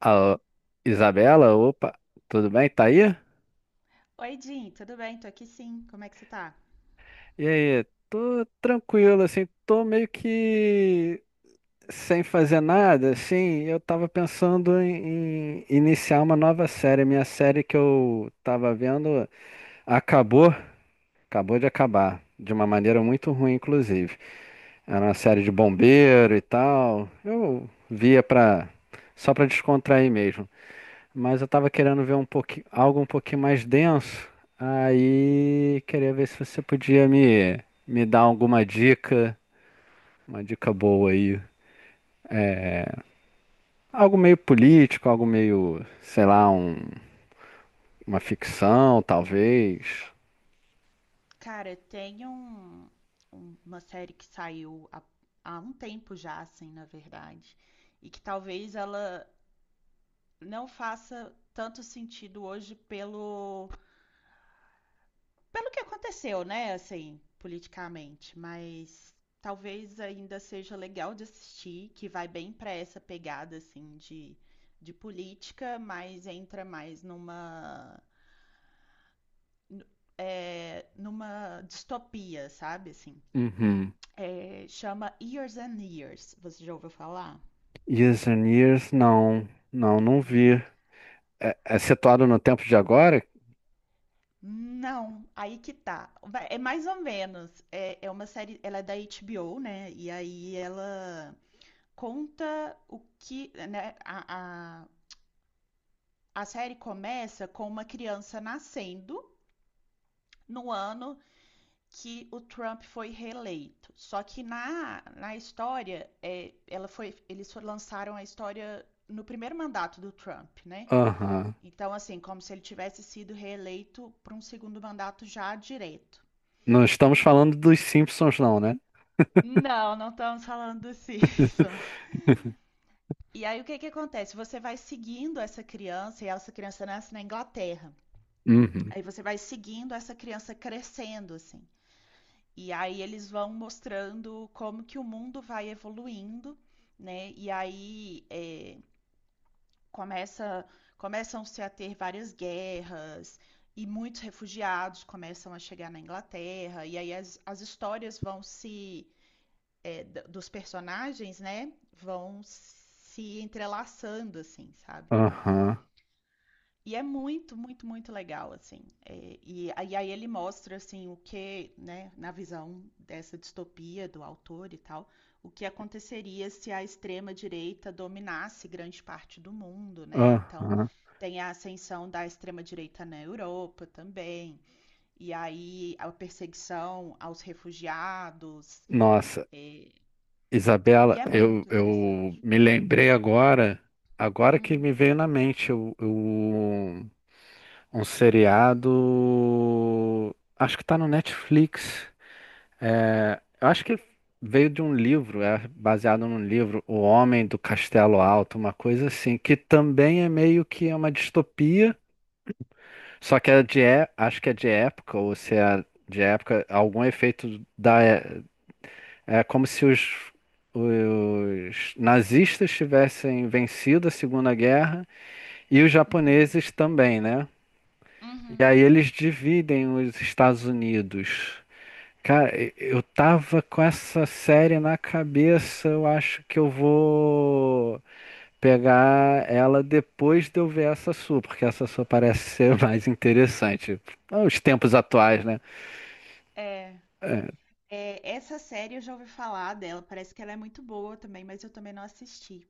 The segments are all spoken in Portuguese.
Alô, Isabela, opa, tudo bem? Tá aí? Oi, Jim, tudo bem? Tô aqui sim. Como é que você tá? E aí, tô tranquilo, assim, tô meio que sem fazer nada, assim, eu tava pensando em iniciar uma nova série. Minha série que eu tava vendo acabou, acabou de acabar, de uma maneira muito ruim, inclusive. Era uma série de bombeiro e tal, só pra descontrair mesmo. Mas eu tava querendo ver um pouquinho, algo um pouquinho mais denso. Aí queria ver se você podia me dar alguma dica, uma dica boa aí. Algo meio político, algo meio, sei lá, uma ficção, talvez. Cara, tem uma série que saiu há um tempo já, assim, na verdade, e que talvez ela não faça tanto sentido hoje pelo que aconteceu, né, assim, politicamente, mas talvez ainda seja legal de assistir, que vai bem pra essa pegada, assim, de política, mas entra mais n- numa distopia, sabe? Assim, Uhum. é, chama Years and Years. Você já ouviu falar? Years and Years, não Não. vi. É, é situado no tempo de agora? Não, aí que tá. É mais ou menos. É, é uma série, ela é da HBO, né? E aí ela conta o que, né? A série começa com uma criança nascendo no ano que o Trump foi reeleito. Só que na história, é, ela foi, eles lançaram a história no primeiro mandato do Trump, né? Aham. Então, assim, como se ele tivesse sido reeleito para um segundo mandato já direto. Não estamos falando dos Simpsons, não, né? Não, não estamos falando disso. E aí, o que que acontece? Você vai seguindo essa criança, e essa criança nasce na Inglaterra. Uhum. Aí você vai seguindo essa criança crescendo, assim. E aí eles vão mostrando como que o mundo vai evoluindo, né? E aí começa, começam-se a ter várias guerras e muitos refugiados começam a chegar na Inglaterra. E aí as histórias vão se dos personagens, né? Vão se entrelaçando, assim, sabe? Aham. E é muito, muito, muito legal, assim. É, e, aí ele mostra, assim, o que, né, na visão dessa distopia do autor e tal, o que aconteceria se a extrema-direita dominasse grande parte do mundo, né? Então, Aham. tem a ascensão da extrema-direita na Europa também, e aí a perseguição aos refugiados, Nossa. é, e Isabela, é eu, muito eu interessante. me lembrei agora, agora que Hum, me veio na mente um seriado, acho que tá no Netflix. É, eu acho que veio de um livro, é baseado num livro, O Homem do Castelo Alto, uma coisa assim, que também é meio que uma distopia, só que é de, acho que é de época, ou se é de época, algum efeito da, é, é como se os nazistas tivessem vencido a Segunda Guerra e os uhum, japoneses também, né? E uhum. aí eles dividem os Estados Unidos. Cara, eu tava com essa série na cabeça, eu acho que eu vou pegar ela depois de eu ver essa sua, porque essa sua parece ser mais interessante. Ah, Os tempos atuais, né? É, É, É, essa série eu já ouvi falar dela, parece que ela é muito boa também, mas eu também não assisti.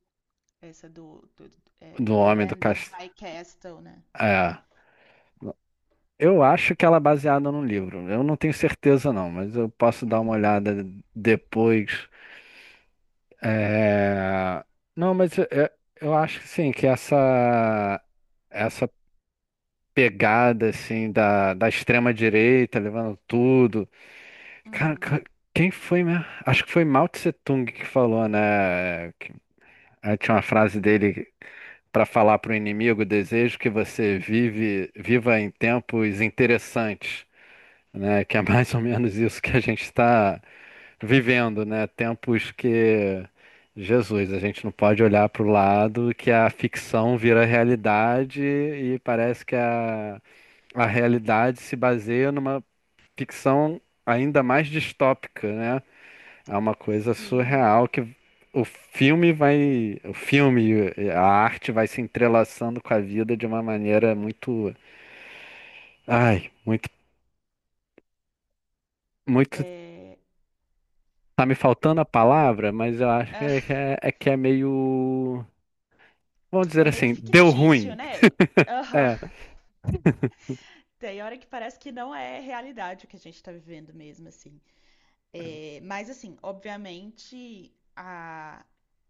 Essa do é, do The homem do Man, The castelo. High Castle, né? É. Eu acho que ela é baseada num livro. Eu não tenho certeza, não, mas eu posso dar uma Uhum, olhada depois. É, não, mas eu acho que sim, que essa pegada assim da, da extrema direita levando tudo. Cara, uhum. Quem foi mesmo? Acho que foi Mao Tse Tung que falou, né? Aí tinha uma frase dele para falar para o inimigo: desejo que você viva em tempos interessantes, né? Que é mais ou menos isso que a gente está vivendo, né? Tempos que, Jesus, a gente não pode olhar para o lado que a ficção vira realidade e parece que a realidade se baseia numa ficção ainda mais distópica, né? É uma coisa surreal Sim. que o filme e a arte vai se entrelaçando com a vida de uma maneira muito, ai, muito, muito. É, Tá me faltando a palavra, mas eu acho que ah, é, é que é meio. Vamos dizer é meio assim, deu fictício, ruim. né? Aham. É. Tem hora que parece que não é realidade o que a gente tá vivendo mesmo, assim. É, mas, assim, obviamente,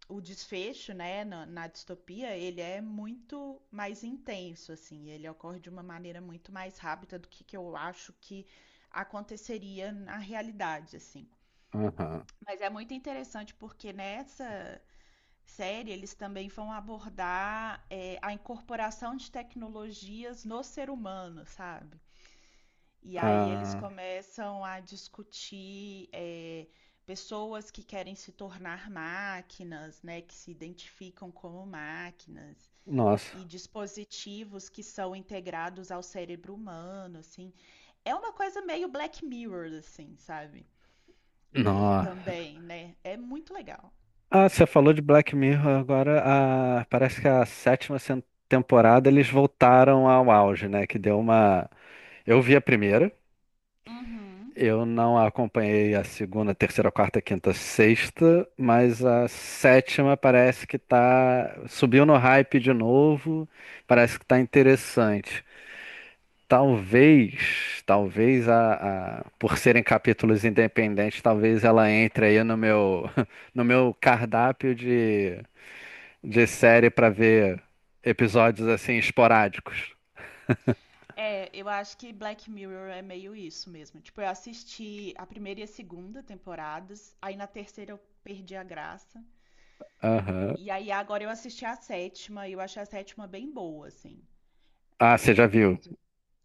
o desfecho, né, na distopia, ele é muito mais intenso, assim, ele ocorre de uma maneira muito mais rápida do que eu acho que aconteceria na realidade, assim. Aham. Mas é muito interessante porque nessa série eles também vão abordar é, a incorporação de tecnologias no ser humano, sabe? E aí eles Ah, começam a discutir é, pessoas que querem se tornar máquinas, né, que se identificam como máquinas, nossa. e dispositivos que são integrados ao cérebro humano, assim. É uma coisa meio Black Mirror, assim, sabe? É, Nossa. também, né? É muito legal. Ah, você falou de Black Mirror agora. Ah, parece que a sétima temporada eles voltaram ao auge, né? Que deu uma. Eu vi a primeira. Uhum. Eu não acompanhei a segunda, terceira, quarta, quinta, sexta, mas a sétima parece que tá. Subiu no hype de novo. Parece que tá interessante. Talvez por serem capítulos independentes, talvez ela entre aí no meu no meu cardápio de série para ver episódios assim esporádicos. É, eu acho que Black Mirror é meio isso mesmo. Tipo, eu assisti a primeira e a segunda temporadas, aí na terceira eu perdi a graça. Aham. E aí agora eu assisti a sétima e eu achei a sétima bem boa, assim. Ah, você já viu? Eu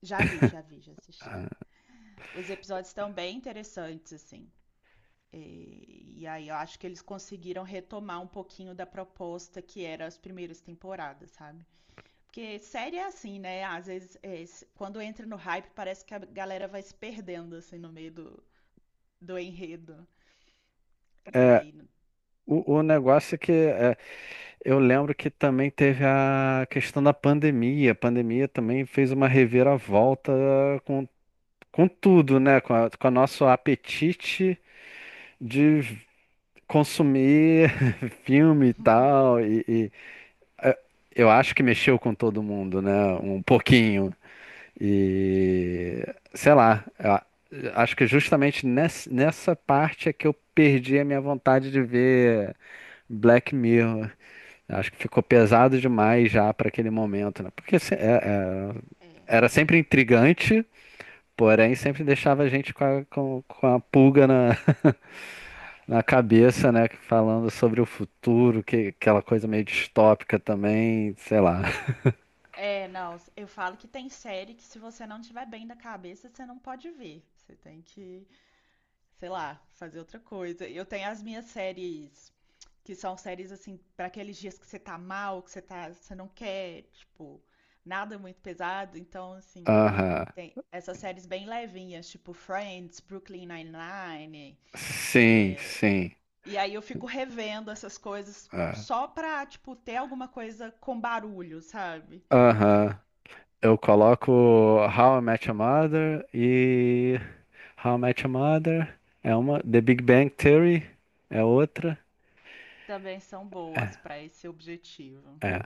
já vi, já vi, já assisti. Ah. Os episódios estão bem interessantes, assim. E aí eu acho que eles conseguiram retomar um pouquinho da proposta que era as primeiras temporadas, sabe? Porque série é assim, né? Às vezes, quando entra no hype, parece que a galera vai se perdendo, assim, no meio do enredo. E aí. n- O negócio é que é, eu lembro que também teve a questão da pandemia. A pandemia também fez uma reviravolta com, com tudo, né? Com o nosso apetite de consumir filme e tal, eh, eu acho que mexeu com todo mundo, né? Um pouquinho. E sei lá, acho que justamente nessa parte é que eu perdi a minha vontade de ver Black Mirror. Acho que ficou pesado demais já para aquele momento, né? Porque É. era sempre intrigante, porém sempre deixava a gente com com a pulga na cabeça, né? Falando sobre o futuro, que aquela coisa meio distópica também, sei lá. É, não, eu falo que tem série que se você não tiver bem da cabeça, você não pode ver. Você tem que sei lá, fazer outra coisa. Eu tenho as minhas séries, que são séries assim, para aqueles dias que você tá mal, que você tá, você não quer, tipo, nada muito pesado, então assim, Aham. tem essas séries bem levinhas, tipo Friends, Brooklyn Nine-Nine. Sim, sim. E aí eu fico revendo essas coisas É. só pra, tipo, ter alguma coisa com barulho, sabe? Aham. Eu coloco How I Met Your Mother e How I Met Your Mother é uma. The Big Bang Theory é outra. Também são boas pra esse objetivo. É.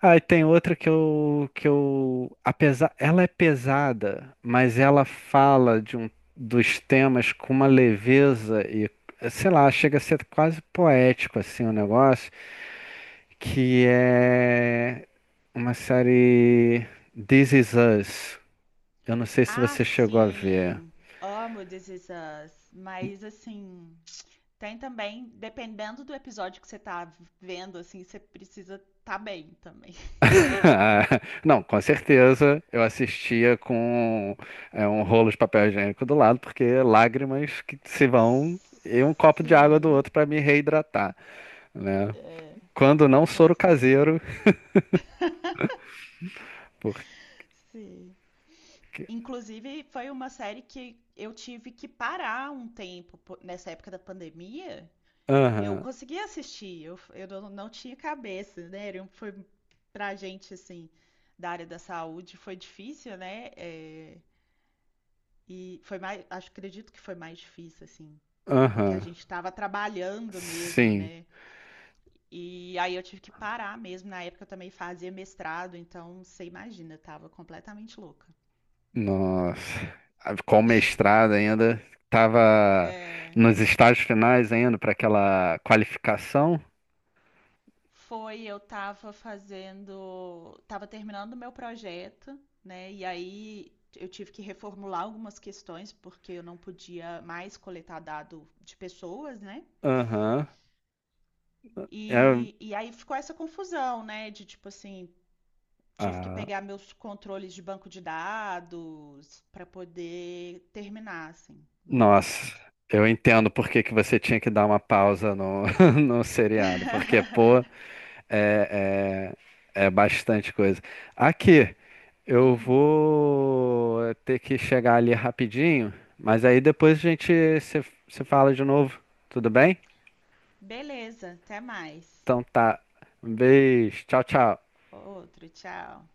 Ah, e tem outra apesar, ela é pesada, mas ela fala de um, dos temas com uma leveza e, sei lá, chega a ser quase poético assim o negócio, que é uma série This Is Us. Eu não sei se Ah, você chegou a ver. sim. Amo This Is Us, mas assim, tem também, dependendo do episódio que você tá vendo, assim, você precisa tá bem também. Ah, não, com certeza eu assistia com é, um rolo de papel higiênico do lado, porque lágrimas que se vão e um copo de água do Sim, outro para me reidratar, né? Quando não com soro certeza. caseiro, porque. Sim. Inclusive, foi uma série que eu tive que parar um tempo nessa época da pandemia. Eu Aham, consegui assistir, eu não tinha cabeça, né? Foi pra gente, assim, da área da saúde, foi difícil, né? É, e foi mais, acho, acredito que foi mais difícil, assim, porque a aham, gente estava trabalhando mesmo, sim, né? E aí eu tive que parar mesmo. Na época eu também fazia mestrado, então você imagina, eu tava completamente louca. nossa. Ah, com mestrado ainda, tava É, nos estágios finais ainda para aquela qualificação. foi, eu tava fazendo, tava terminando o meu projeto, né? E aí eu tive que reformular algumas questões, porque eu não podia mais coletar dado de pessoas, né? Aham, é. E aí ficou essa confusão, né? De tipo assim, tive que Ah, pegar meus controles de banco de dados para poder terminar, assim. nossa, Mas. eu entendo por que que você tinha que dar uma pausa no, no seriado, porque, pô, é, é bastante coisa. Aqui, eu Hum, vou ter que chegar ali rapidinho, mas aí depois a gente se fala de novo, tudo bem? beleza, até mais. Então tá, um beijo, tchau, tchau. Outro, tchau.